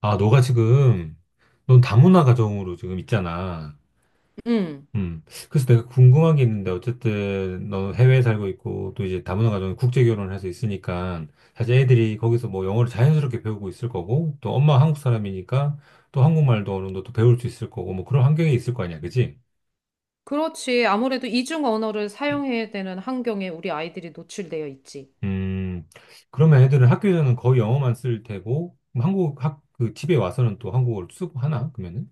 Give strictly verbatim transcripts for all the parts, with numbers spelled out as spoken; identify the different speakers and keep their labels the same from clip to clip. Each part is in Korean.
Speaker 1: 아, 너가 지금, 넌 다문화 가정으로 지금 있잖아.
Speaker 2: 음,
Speaker 1: 음. 그래서 내가 궁금한 게 있는데, 어쨌든, 넌 해외에 살고 있고, 또 이제 다문화 가정에 국제 결혼을 해서 있으니까, 사실 애들이 거기서 뭐 영어를 자연스럽게 배우고 있을 거고, 또 엄마 한국 사람이니까, 또 한국말도 어느 정도 또 배울 수 있을 거고, 뭐 그런 환경에 있을 거 아니야, 그지?
Speaker 2: 그렇지. 아무래도 이중 언어를 사용해야 되는 환경에 우리 아이들이 노출되어 있지.
Speaker 1: 음. 그러면 애들은 학교에서는 거의 영어만 쓸 테고, 그럼 한국 학, 그 집에 와서는 또 한국어를 쓰고 하나? 그러면은?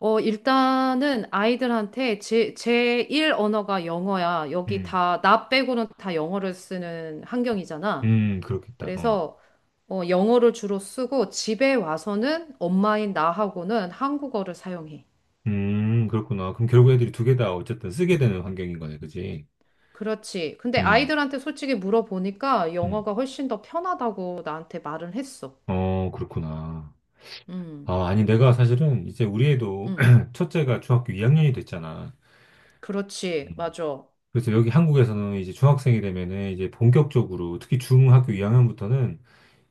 Speaker 2: 어, 일단은 아이들한테 제, 제일 언어가 영어야. 여기
Speaker 1: 음.
Speaker 2: 다, 나 빼고는 다 영어를 쓰는 환경이잖아.
Speaker 1: 음, 그렇겠다. 어.
Speaker 2: 그래서 어, 영어를 주로 쓰고 집에 와서는 엄마인 나하고는 한국어를 사용해.
Speaker 1: 음, 그렇구나. 그럼 결국 애들이 두 개 다 어쨌든 쓰게 되는 환경인 거네, 그지?
Speaker 2: 그렇지. 근데
Speaker 1: 음,
Speaker 2: 아이들한테 솔직히 물어보니까
Speaker 1: 음.
Speaker 2: 영어가 훨씬 더 편하다고 나한테 말을 했어.
Speaker 1: 어, 그렇구나.
Speaker 2: 음,
Speaker 1: 아, 아니, 내가 사실은 이제 우리 애도
Speaker 2: 음,
Speaker 1: 첫째가 중학교 이 학년이 됐잖아.
Speaker 2: 그렇지.
Speaker 1: 음.
Speaker 2: 맞아.
Speaker 1: 그래서 여기 한국에서는 이제 중학생이 되면은 이제 본격적으로 특히 중학교 이 학년부터는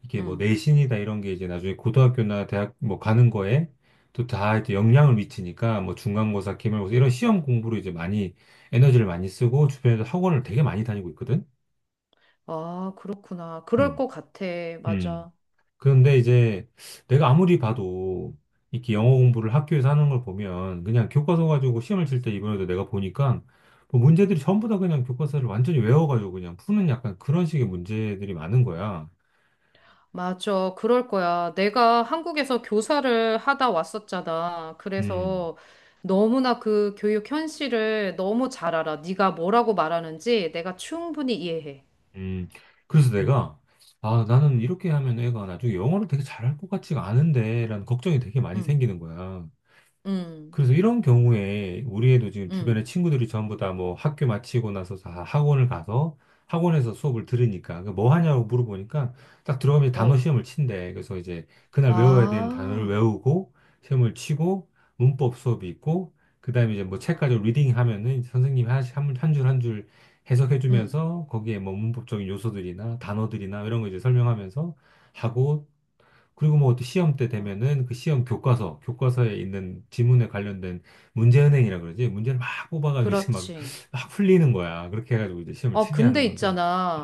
Speaker 1: 이게 뭐
Speaker 2: 음.
Speaker 1: 내신이다 이런 게 이제 나중에 고등학교나 대학 뭐 가는 거에 또 다 이제 영향을 미치니까 뭐 중간고사, 기말고사 이런 시험 공부로 이제 많이 에너지를 많이 쓰고 주변에서 학원을 되게 많이 다니고 있거든.
Speaker 2: 아, 그렇구나. 그럴
Speaker 1: 음.
Speaker 2: 것 같아.
Speaker 1: 음.
Speaker 2: 맞아.
Speaker 1: 그런데 이제 내가 아무리 봐도 이렇게 영어 공부를 학교에서 하는 걸 보면 그냥 교과서 가지고 시험을 칠 때 이번에도 내가 보니까 뭐 문제들이 전부 다 그냥 교과서를 완전히 외워가지고 그냥 푸는 약간 그런 식의 문제들이 많은 거야.
Speaker 2: 맞아. 그럴 거야. 내가 한국에서 교사를 하다 왔었잖아.
Speaker 1: 음,
Speaker 2: 그래서 너무나 그 교육 현실을 너무 잘 알아. 네가 뭐라고 말하는지 내가 충분히 이해해.
Speaker 1: 음. 그래서 내가 아, 나는 이렇게 하면 애가 나중에 영어를 되게 잘할 것 같지가 않은데 라는 걱정이 되게 많이
Speaker 2: 응,
Speaker 1: 생기는 거야.
Speaker 2: 응,
Speaker 1: 그래서 이런 경우에 우리에도 지금
Speaker 2: 응.
Speaker 1: 주변에 친구들이 전부 다 뭐 학교 마치고 나서 다 학원을 가서 학원에서 수업을 들으니까 그뭐 하냐고 물어보니까 딱 들어가면 단어
Speaker 2: 어.
Speaker 1: 시험을 친대. 그래서 이제 그날 외워야 되는 단어를
Speaker 2: 아,
Speaker 1: 외우고 시험을 치고 문법 수업이 있고 그다음에 이제 뭐 책까지
Speaker 2: 아,
Speaker 1: 리딩 하면은 이제 선생님이 한한줄 한 줄 해석해
Speaker 2: 응.
Speaker 1: 주면서 거기에 뭐 문법적인 요소들이나 단어들이나 이런 거 이제 설명하면서 하고 그리고 뭐 또 시험 때
Speaker 2: 아,
Speaker 1: 되면은 그 시험 교과서, 교과서에 있는 지문에 관련된 문제은행이라 그러지. 문제를 막 뽑아가지고 이제 막,
Speaker 2: 그렇지.
Speaker 1: 막 풀리는 거야. 그렇게 해가지고 이제 시험을
Speaker 2: 어,
Speaker 1: 치게
Speaker 2: 근데
Speaker 1: 하는 건데.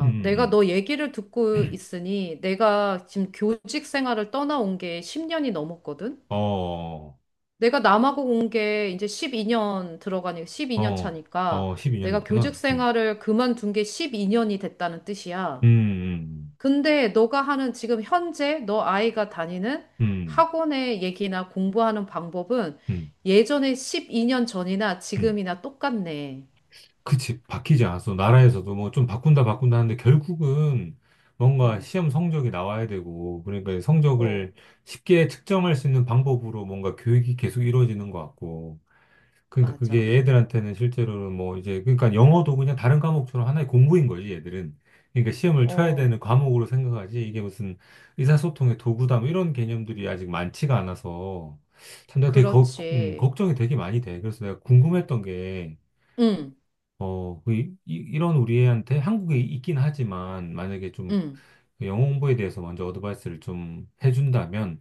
Speaker 1: 음,
Speaker 2: 내가
Speaker 1: 음.
Speaker 2: 너 얘기를 듣고 있으니 내가 지금 교직 생활을 떠나온 게 십 년이 넘었거든?
Speaker 1: 음. 어,
Speaker 2: 내가 남하고 온 게 이제 십이 년 들어가니까 십이 년
Speaker 1: 어,
Speaker 2: 차니까
Speaker 1: 어, 십이 년
Speaker 2: 내가 교직
Speaker 1: 됐구나. 음,
Speaker 2: 생활을 그만둔 게 십이 년이 됐다는
Speaker 1: 음,
Speaker 2: 뜻이야.
Speaker 1: 음,
Speaker 2: 근데 너가 하는 지금 현재 너 아이가 다니는
Speaker 1: 음,
Speaker 2: 학원의 얘기나 공부하는 방법은
Speaker 1: 음,
Speaker 2: 예전에 십이 년 전이나
Speaker 1: 음.
Speaker 2: 지금이나 똑같네.
Speaker 1: 그치. 바뀌지 않았어. 나라에서도 뭐 좀 바꾼다, 바꾼다 하는데 결국은 뭔가
Speaker 2: 어,
Speaker 1: 시험 성적이 나와야 되고, 그러니까
Speaker 2: 어,
Speaker 1: 성적을 쉽게 측정할 수 있는 방법으로 뭔가 교육이 계속 이루어지는 것 같고, 그러니까
Speaker 2: 맞아.
Speaker 1: 그게 애들한테는 실제로는 뭐 이제 그러니까 영어도 그냥 다른 과목처럼 하나의 공부인 거지 얘들은 그러니까 시험을 쳐야 되는
Speaker 2: 어,
Speaker 1: 과목으로 생각하지 이게 무슨 의사소통의 도구다 뭐 이런 개념들이 아직 많지가 않아서 참 내가 되게 거- 음,
Speaker 2: 그렇지.
Speaker 1: 걱정이 되게 많이 돼. 그래서 내가 궁금했던 게
Speaker 2: 응,
Speaker 1: 어, 그 이, 이- 이런 우리한테 한국에 있긴 하지만 만약에 좀
Speaker 2: 응,
Speaker 1: 그 영어 공부에 대해서 먼저 어드바이스를 좀 해준다면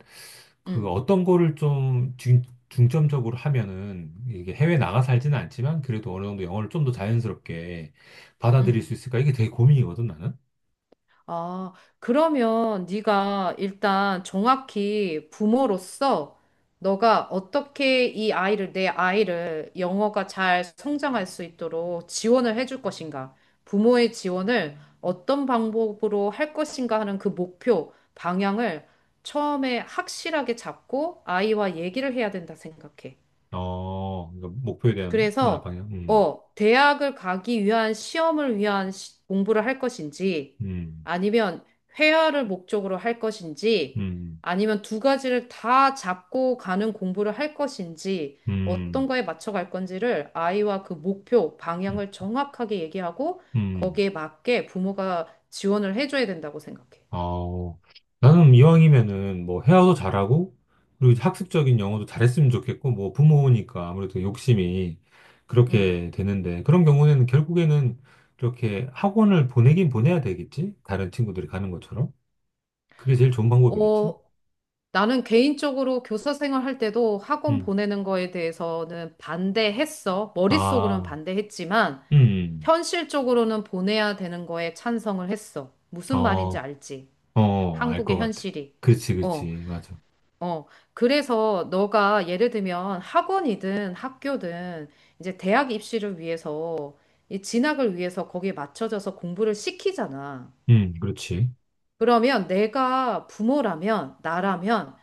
Speaker 1: 그
Speaker 2: 응,
Speaker 1: 어떤 거를 좀 중, 중점적으로 하면은 이게 해외 나가 살지는 않지만 그래도 어느 정도 영어를 좀 더 자연스럽게 받아들일
Speaker 2: 응.
Speaker 1: 수 있을까? 이게 되게 고민이거든, 나는.
Speaker 2: 아, 그러면 네가 일단 정확히 부모로서 너가 어떻게 이 아이를, 내 아이를 영어가 잘 성장할 수 있도록 지원을 해줄 것인가? 부모의 지원을 어떤 방법으로 할 것인가 하는 그 목표, 방향을 처음에 확실하게 잡고 아이와 얘기를 해야 된다 생각해.
Speaker 1: 어, 그러니까 목표에 대한
Speaker 2: 그래서,
Speaker 1: 방향. 음,
Speaker 2: 어, 대학을 가기 위한 시험을 위한 시- 공부를 할 것인지,
Speaker 1: 음,
Speaker 2: 아니면 회화를 목적으로 할 것인지,
Speaker 1: 음,
Speaker 2: 아니면 두 가지를 다 잡고 가는 공부를 할 것인지,
Speaker 1: 음,
Speaker 2: 어떤 거에 맞춰 갈 건지를 아이와 그 목표,
Speaker 1: 음,
Speaker 2: 방향을 정확하게 얘기하고,
Speaker 1: 음.
Speaker 2: 거기에 맞게 부모가 지원을 해줘야 된다고 생각해.
Speaker 1: 어, 나는 이왕이면은 뭐 헤어도 잘하고, 그리고 학습적인 영어도 잘했으면 좋겠고, 뭐 부모니까 아무래도 욕심이
Speaker 2: 음.
Speaker 1: 그렇게 되는데, 그런 경우에는 결국에는 이렇게 학원을 보내긴 보내야 되겠지? 다른 친구들이 가는 것처럼? 그게 제일 좋은 방법이겠지?
Speaker 2: 어, 나는 개인적으로 교사 생활할 때도 학원
Speaker 1: 음.
Speaker 2: 보내는 거에 대해서는 반대했어. 머릿속으로는
Speaker 1: 아,
Speaker 2: 반대했지만
Speaker 1: 음, 음.
Speaker 2: 현실적으로는 보내야 되는 거에 찬성을 했어. 무슨 말인지
Speaker 1: 어,
Speaker 2: 알지?
Speaker 1: 어, 알 것
Speaker 2: 한국의
Speaker 1: 같아.
Speaker 2: 현실이.
Speaker 1: 그렇지,
Speaker 2: 어,
Speaker 1: 그렇지, 맞아.
Speaker 2: 어. 그래서 너가 예를 들면 학원이든 학교든 이제 대학 입시를 위해서 이 진학을 위해서 거기에 맞춰져서 공부를 시키잖아.
Speaker 1: 음, 그렇지.
Speaker 2: 그러면 내가 부모라면 나라면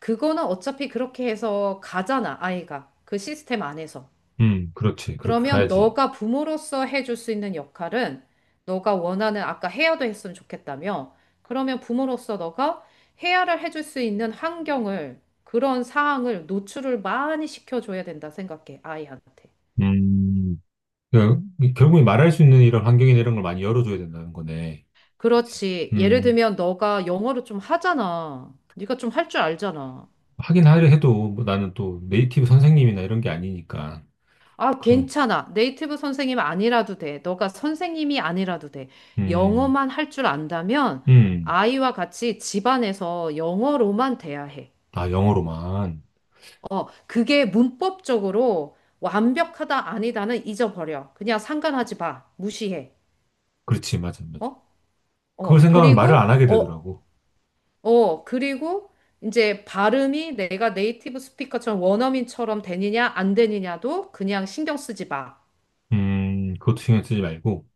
Speaker 2: 그거는 어차피 그렇게 해서 가잖아, 아이가. 그 시스템 안에서.
Speaker 1: 음, 그렇지. 그렇게
Speaker 2: 그러면
Speaker 1: 가야지.
Speaker 2: 너가 부모로서 해줄 수 있는 역할은 너가 원하는, 아까 해야도 했으면 좋겠다며. 그러면 부모로서 너가 해야를 해줄 수 있는 환경을, 그런 상황을 노출을 많이 시켜줘야 된다 생각해, 아이한테.
Speaker 1: 음. 그 결국에 말할 수 있는 이런 환경이나 이런 걸 많이 열어줘야 된다는 거네. 그치.
Speaker 2: 그렇지. 예를
Speaker 1: 음,
Speaker 2: 들면 너가 영어를 좀 하잖아. 네가 좀 할 줄 알잖아.
Speaker 1: 하긴 하려 해도 뭐 나는 또 네이티브 선생님이나 이런 게 아니니까.
Speaker 2: 아,
Speaker 1: 그럼,
Speaker 2: 괜찮아. 네이티브 선생님 아니라도 돼. 너가 선생님이 아니라도 돼.
Speaker 1: 음,
Speaker 2: 영어만 할 줄 안다면
Speaker 1: 음,
Speaker 2: 아이와 같이 집안에서 영어로만 돼야 해.
Speaker 1: 아, 영어로만.
Speaker 2: 어, 그게 문법적으로 완벽하다 아니다는 잊어버려. 그냥 상관하지 마. 무시해.
Speaker 1: 그렇지, 맞아, 맞아.
Speaker 2: 어?
Speaker 1: 그걸
Speaker 2: 어,
Speaker 1: 생각하면 말을
Speaker 2: 그리고
Speaker 1: 안 하게
Speaker 2: 어,
Speaker 1: 되더라고.
Speaker 2: 어, 그리고 이제 발음이 내가 네이티브 스피커처럼 원어민처럼 되느냐 안 되느냐도 그냥 신경 쓰지 마.
Speaker 1: 음, 그것도 신경 쓰지 말고,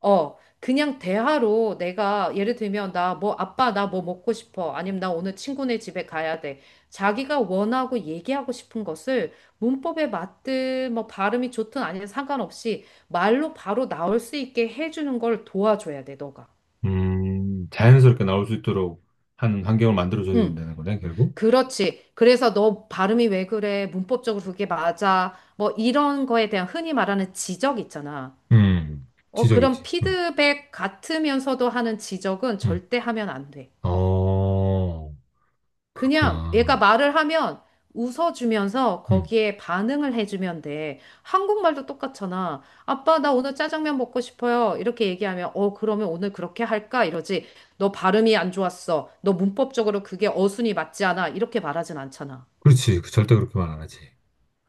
Speaker 2: 어, 그냥 대화로 내가 예를 들면 나 뭐 아빠 나 뭐 먹고 싶어. 아니면 나 오늘 친구네 집에 가야 돼. 자기가 원하고 얘기하고 싶은 것을 문법에 맞든 뭐 발음이 좋든 아니든 상관없이 말로 바로 나올 수 있게 해주는 걸 도와줘야 돼, 너가.
Speaker 1: 음, 자연스럽게 나올 수 있도록 하는 환경을 만들어줘야
Speaker 2: 응,
Speaker 1: 된다는 거네, 결국.
Speaker 2: 그렇지. 그래서 너 발음이 왜 그래? 문법적으로 그게 맞아? 뭐 이런 거에 대한 흔히 말하는 지적 있잖아.
Speaker 1: 음,
Speaker 2: 어, 그런
Speaker 1: 지적이지. 음,
Speaker 2: 피드백 같으면서도 하는 지적은
Speaker 1: 음.
Speaker 2: 절대 하면 안 돼.
Speaker 1: 어,
Speaker 2: 그냥 얘가
Speaker 1: 그렇구나.
Speaker 2: 말을 하면 웃어주면서
Speaker 1: 음,
Speaker 2: 거기에 반응을 해주면 돼. 한국말도 똑같잖아. 아빠, 나 오늘 짜장면 먹고 싶어요. 이렇게 얘기하면, 어, 그러면 오늘 그렇게 할까? 이러지. 너 발음이 안 좋았어. 너 문법적으로 그게 어순이 맞지 않아. 이렇게 말하진 않잖아.
Speaker 1: 그렇지. 그 절대 그렇게 말 안 하지.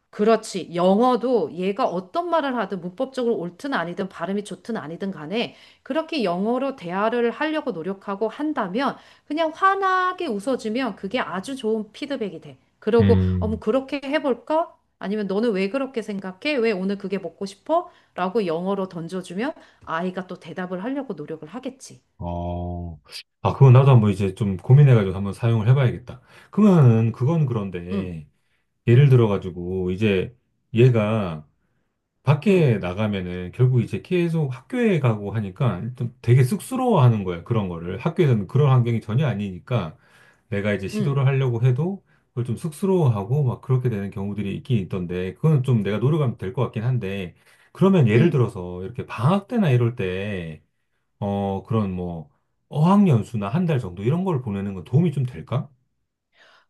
Speaker 2: 그렇지. 영어도 얘가 어떤 말을 하든 문법적으로 옳든 아니든 발음이 좋든 아니든 간에 그렇게 영어로 대화를 하려고 노력하고 한다면 그냥 환하게 웃어주면 그게 아주 좋은 피드백이 돼. 그러고, 어머,
Speaker 1: 음,
Speaker 2: 그렇게 해볼까? 아니면 너는 왜 그렇게 생각해? 왜 오늘 그게 먹고 싶어? 라고 영어로 던져주면 아이가 또 대답을 하려고 노력을 하겠지.
Speaker 1: 어, 아, 그건 나도 한번 이제 좀 고민해가지고 한번 사용을 해봐야겠다. 그러면은, 그건
Speaker 2: 응, 응,
Speaker 1: 그런데, 예를
Speaker 2: 응,
Speaker 1: 들어가지고, 이제 얘가
Speaker 2: 응,
Speaker 1: 밖에 나가면은 결국 이제 계속 학교에 가고 하니까 좀 되게 쑥스러워하는 거야, 그런 거를. 학교에서는 그런 환경이 전혀 아니니까 내가 이제
Speaker 2: 응,
Speaker 1: 시도를 하려고 해도 그걸 좀 쑥스러워하고 막 그렇게 되는 경우들이 있긴 있던데, 그건 좀 내가 노력하면 될 것 같긴 한데, 그러면 예를
Speaker 2: 응.
Speaker 1: 들어서 이렇게 방학 때나 이럴 때, 어, 그런 뭐 어학연수나 한 달 정도 이런 걸 보내는 건 도움이 좀 될까?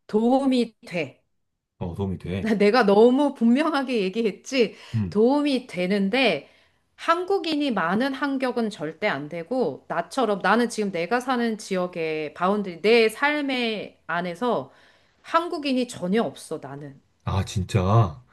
Speaker 2: 도움이 돼.
Speaker 1: 어, 도움이 돼.
Speaker 2: 나- 내가 너무 분명하게 얘기했지.
Speaker 1: 음.
Speaker 2: 도움이 되는데 한국인이 많은 환경은 절대 안 되고 나처럼 나는 지금 내가 사는 지역의 바운드리 내 삶의 안에서 한국인이 전혀 없어 나는.
Speaker 1: 아, 진짜?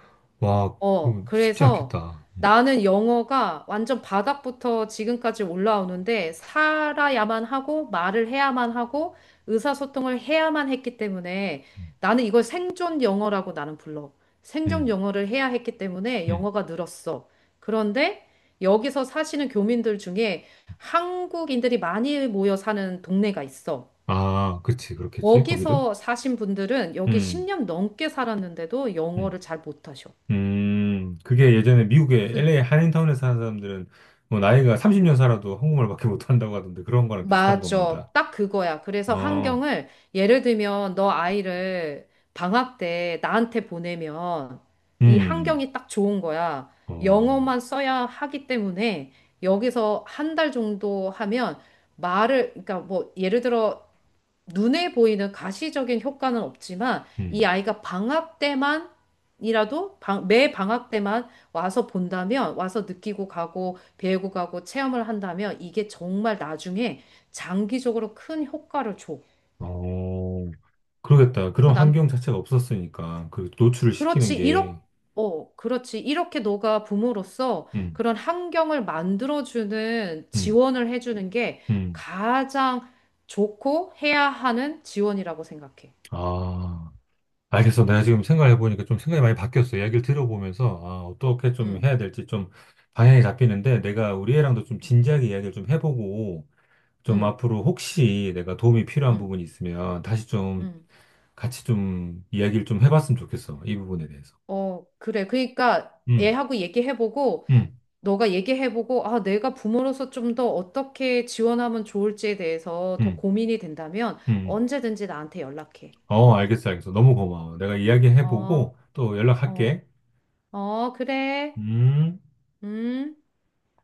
Speaker 1: 와,
Speaker 2: 어,
Speaker 1: 그 쉽지
Speaker 2: 그래서
Speaker 1: 않겠다. 음,
Speaker 2: 나는 영어가 완전 바닥부터 지금까지 올라오는데 살아야만 하고 말을 해야만 하고 의사소통을 해야만 했기 때문에
Speaker 1: 음,
Speaker 2: 나는 이걸 생존 영어라고 나는 불러. 생존
Speaker 1: 음.
Speaker 2: 영어를 해야 했기 때문에
Speaker 1: 음.
Speaker 2: 영어가 늘었어. 그런데 여기서 사시는 교민들 중에 한국인들이 많이 모여 사는 동네가 있어.
Speaker 1: 아, 그치, 그렇겠지, 거기도?
Speaker 2: 거기서 사신 분들은 여기
Speaker 1: 음,
Speaker 2: 십 년 넘게 살았는데도
Speaker 1: 음,
Speaker 2: 영어를 잘 못하셔.
Speaker 1: 음, 그게 예전에 미국의
Speaker 2: 무슨
Speaker 1: 엘에이 한인타운에 사는 사람들은 뭐 나이가 삼십 년
Speaker 2: 음.
Speaker 1: 살아도 한국말밖에 못한다고 하던데 그런 거랑 비슷한 건가
Speaker 2: 맞아.
Speaker 1: 보다.
Speaker 2: 딱 그거야. 그래서
Speaker 1: 어,
Speaker 2: 환경을 예를 들면 너 아이를 방학 때 나한테 보내면
Speaker 1: 음,
Speaker 2: 이
Speaker 1: 음.
Speaker 2: 환경이 딱 좋은 거야.
Speaker 1: 어,
Speaker 2: 영어만 써야 하기 때문에 여기서 한 달 정도 하면 말을, 그러니까 뭐 예를 들어 눈에 보이는 가시적인 효과는 없지만 이
Speaker 1: 음,
Speaker 2: 아이가 방학 때만 이라도 방- 매 방학 때만 와서 본다면 와서 느끼고 가고 배우고 가고 체험을 한다면 이게 정말 나중에 장기적으로 큰 효과를 줘.
Speaker 1: 어. 그러겠다.
Speaker 2: 그래서
Speaker 1: 그런
Speaker 2: 난
Speaker 1: 환경 자체가 없었으니까. 그 노출을 시키는
Speaker 2: 그렇지 이렇게
Speaker 1: 게.
Speaker 2: 어 그렇지 이렇게 너가 부모로서
Speaker 1: 음,
Speaker 2: 그런 환경을 만들어주는
Speaker 1: 음,
Speaker 2: 지원을 해주는 게
Speaker 1: 음.
Speaker 2: 가장 좋고 해야 하는 지원이라고 생각해.
Speaker 1: 아, 알겠어. 내가 지금 생각해보니까 좀 생각이 많이 바뀌었어. 이야기를 들어보면서, 아, 어떻게 좀 해야
Speaker 2: 응
Speaker 1: 될지 좀 방향이 잡히는데, 내가 우리 애랑도 좀
Speaker 2: 응
Speaker 1: 진지하게 이야기를 좀 해보고, 좀
Speaker 2: 응
Speaker 1: 앞으로 혹시 내가 도움이 필요한
Speaker 2: 응
Speaker 1: 부분이 있으면 다시 좀
Speaker 2: 음.
Speaker 1: 같이 좀 이야기를 좀 해봤으면 좋겠어. 이 부분에 대해서.
Speaker 2: 어, 그래. 그러니까
Speaker 1: 음,
Speaker 2: 애하고 얘기해보고,
Speaker 1: 음,
Speaker 2: 너가 얘기해보고, 아, 내가 부모로서 좀 더 어떻게 지원하면 좋을지에 대해서 더
Speaker 1: 음,
Speaker 2: 고민이 된다면
Speaker 1: 음.
Speaker 2: 언제든지 나한테 연락해.
Speaker 1: 어, 알겠어, 알겠어. 너무 고마워. 내가
Speaker 2: 어,
Speaker 1: 이야기해보고 또
Speaker 2: 어,
Speaker 1: 연락할게.
Speaker 2: 어, 그래.
Speaker 1: 음.
Speaker 2: 음.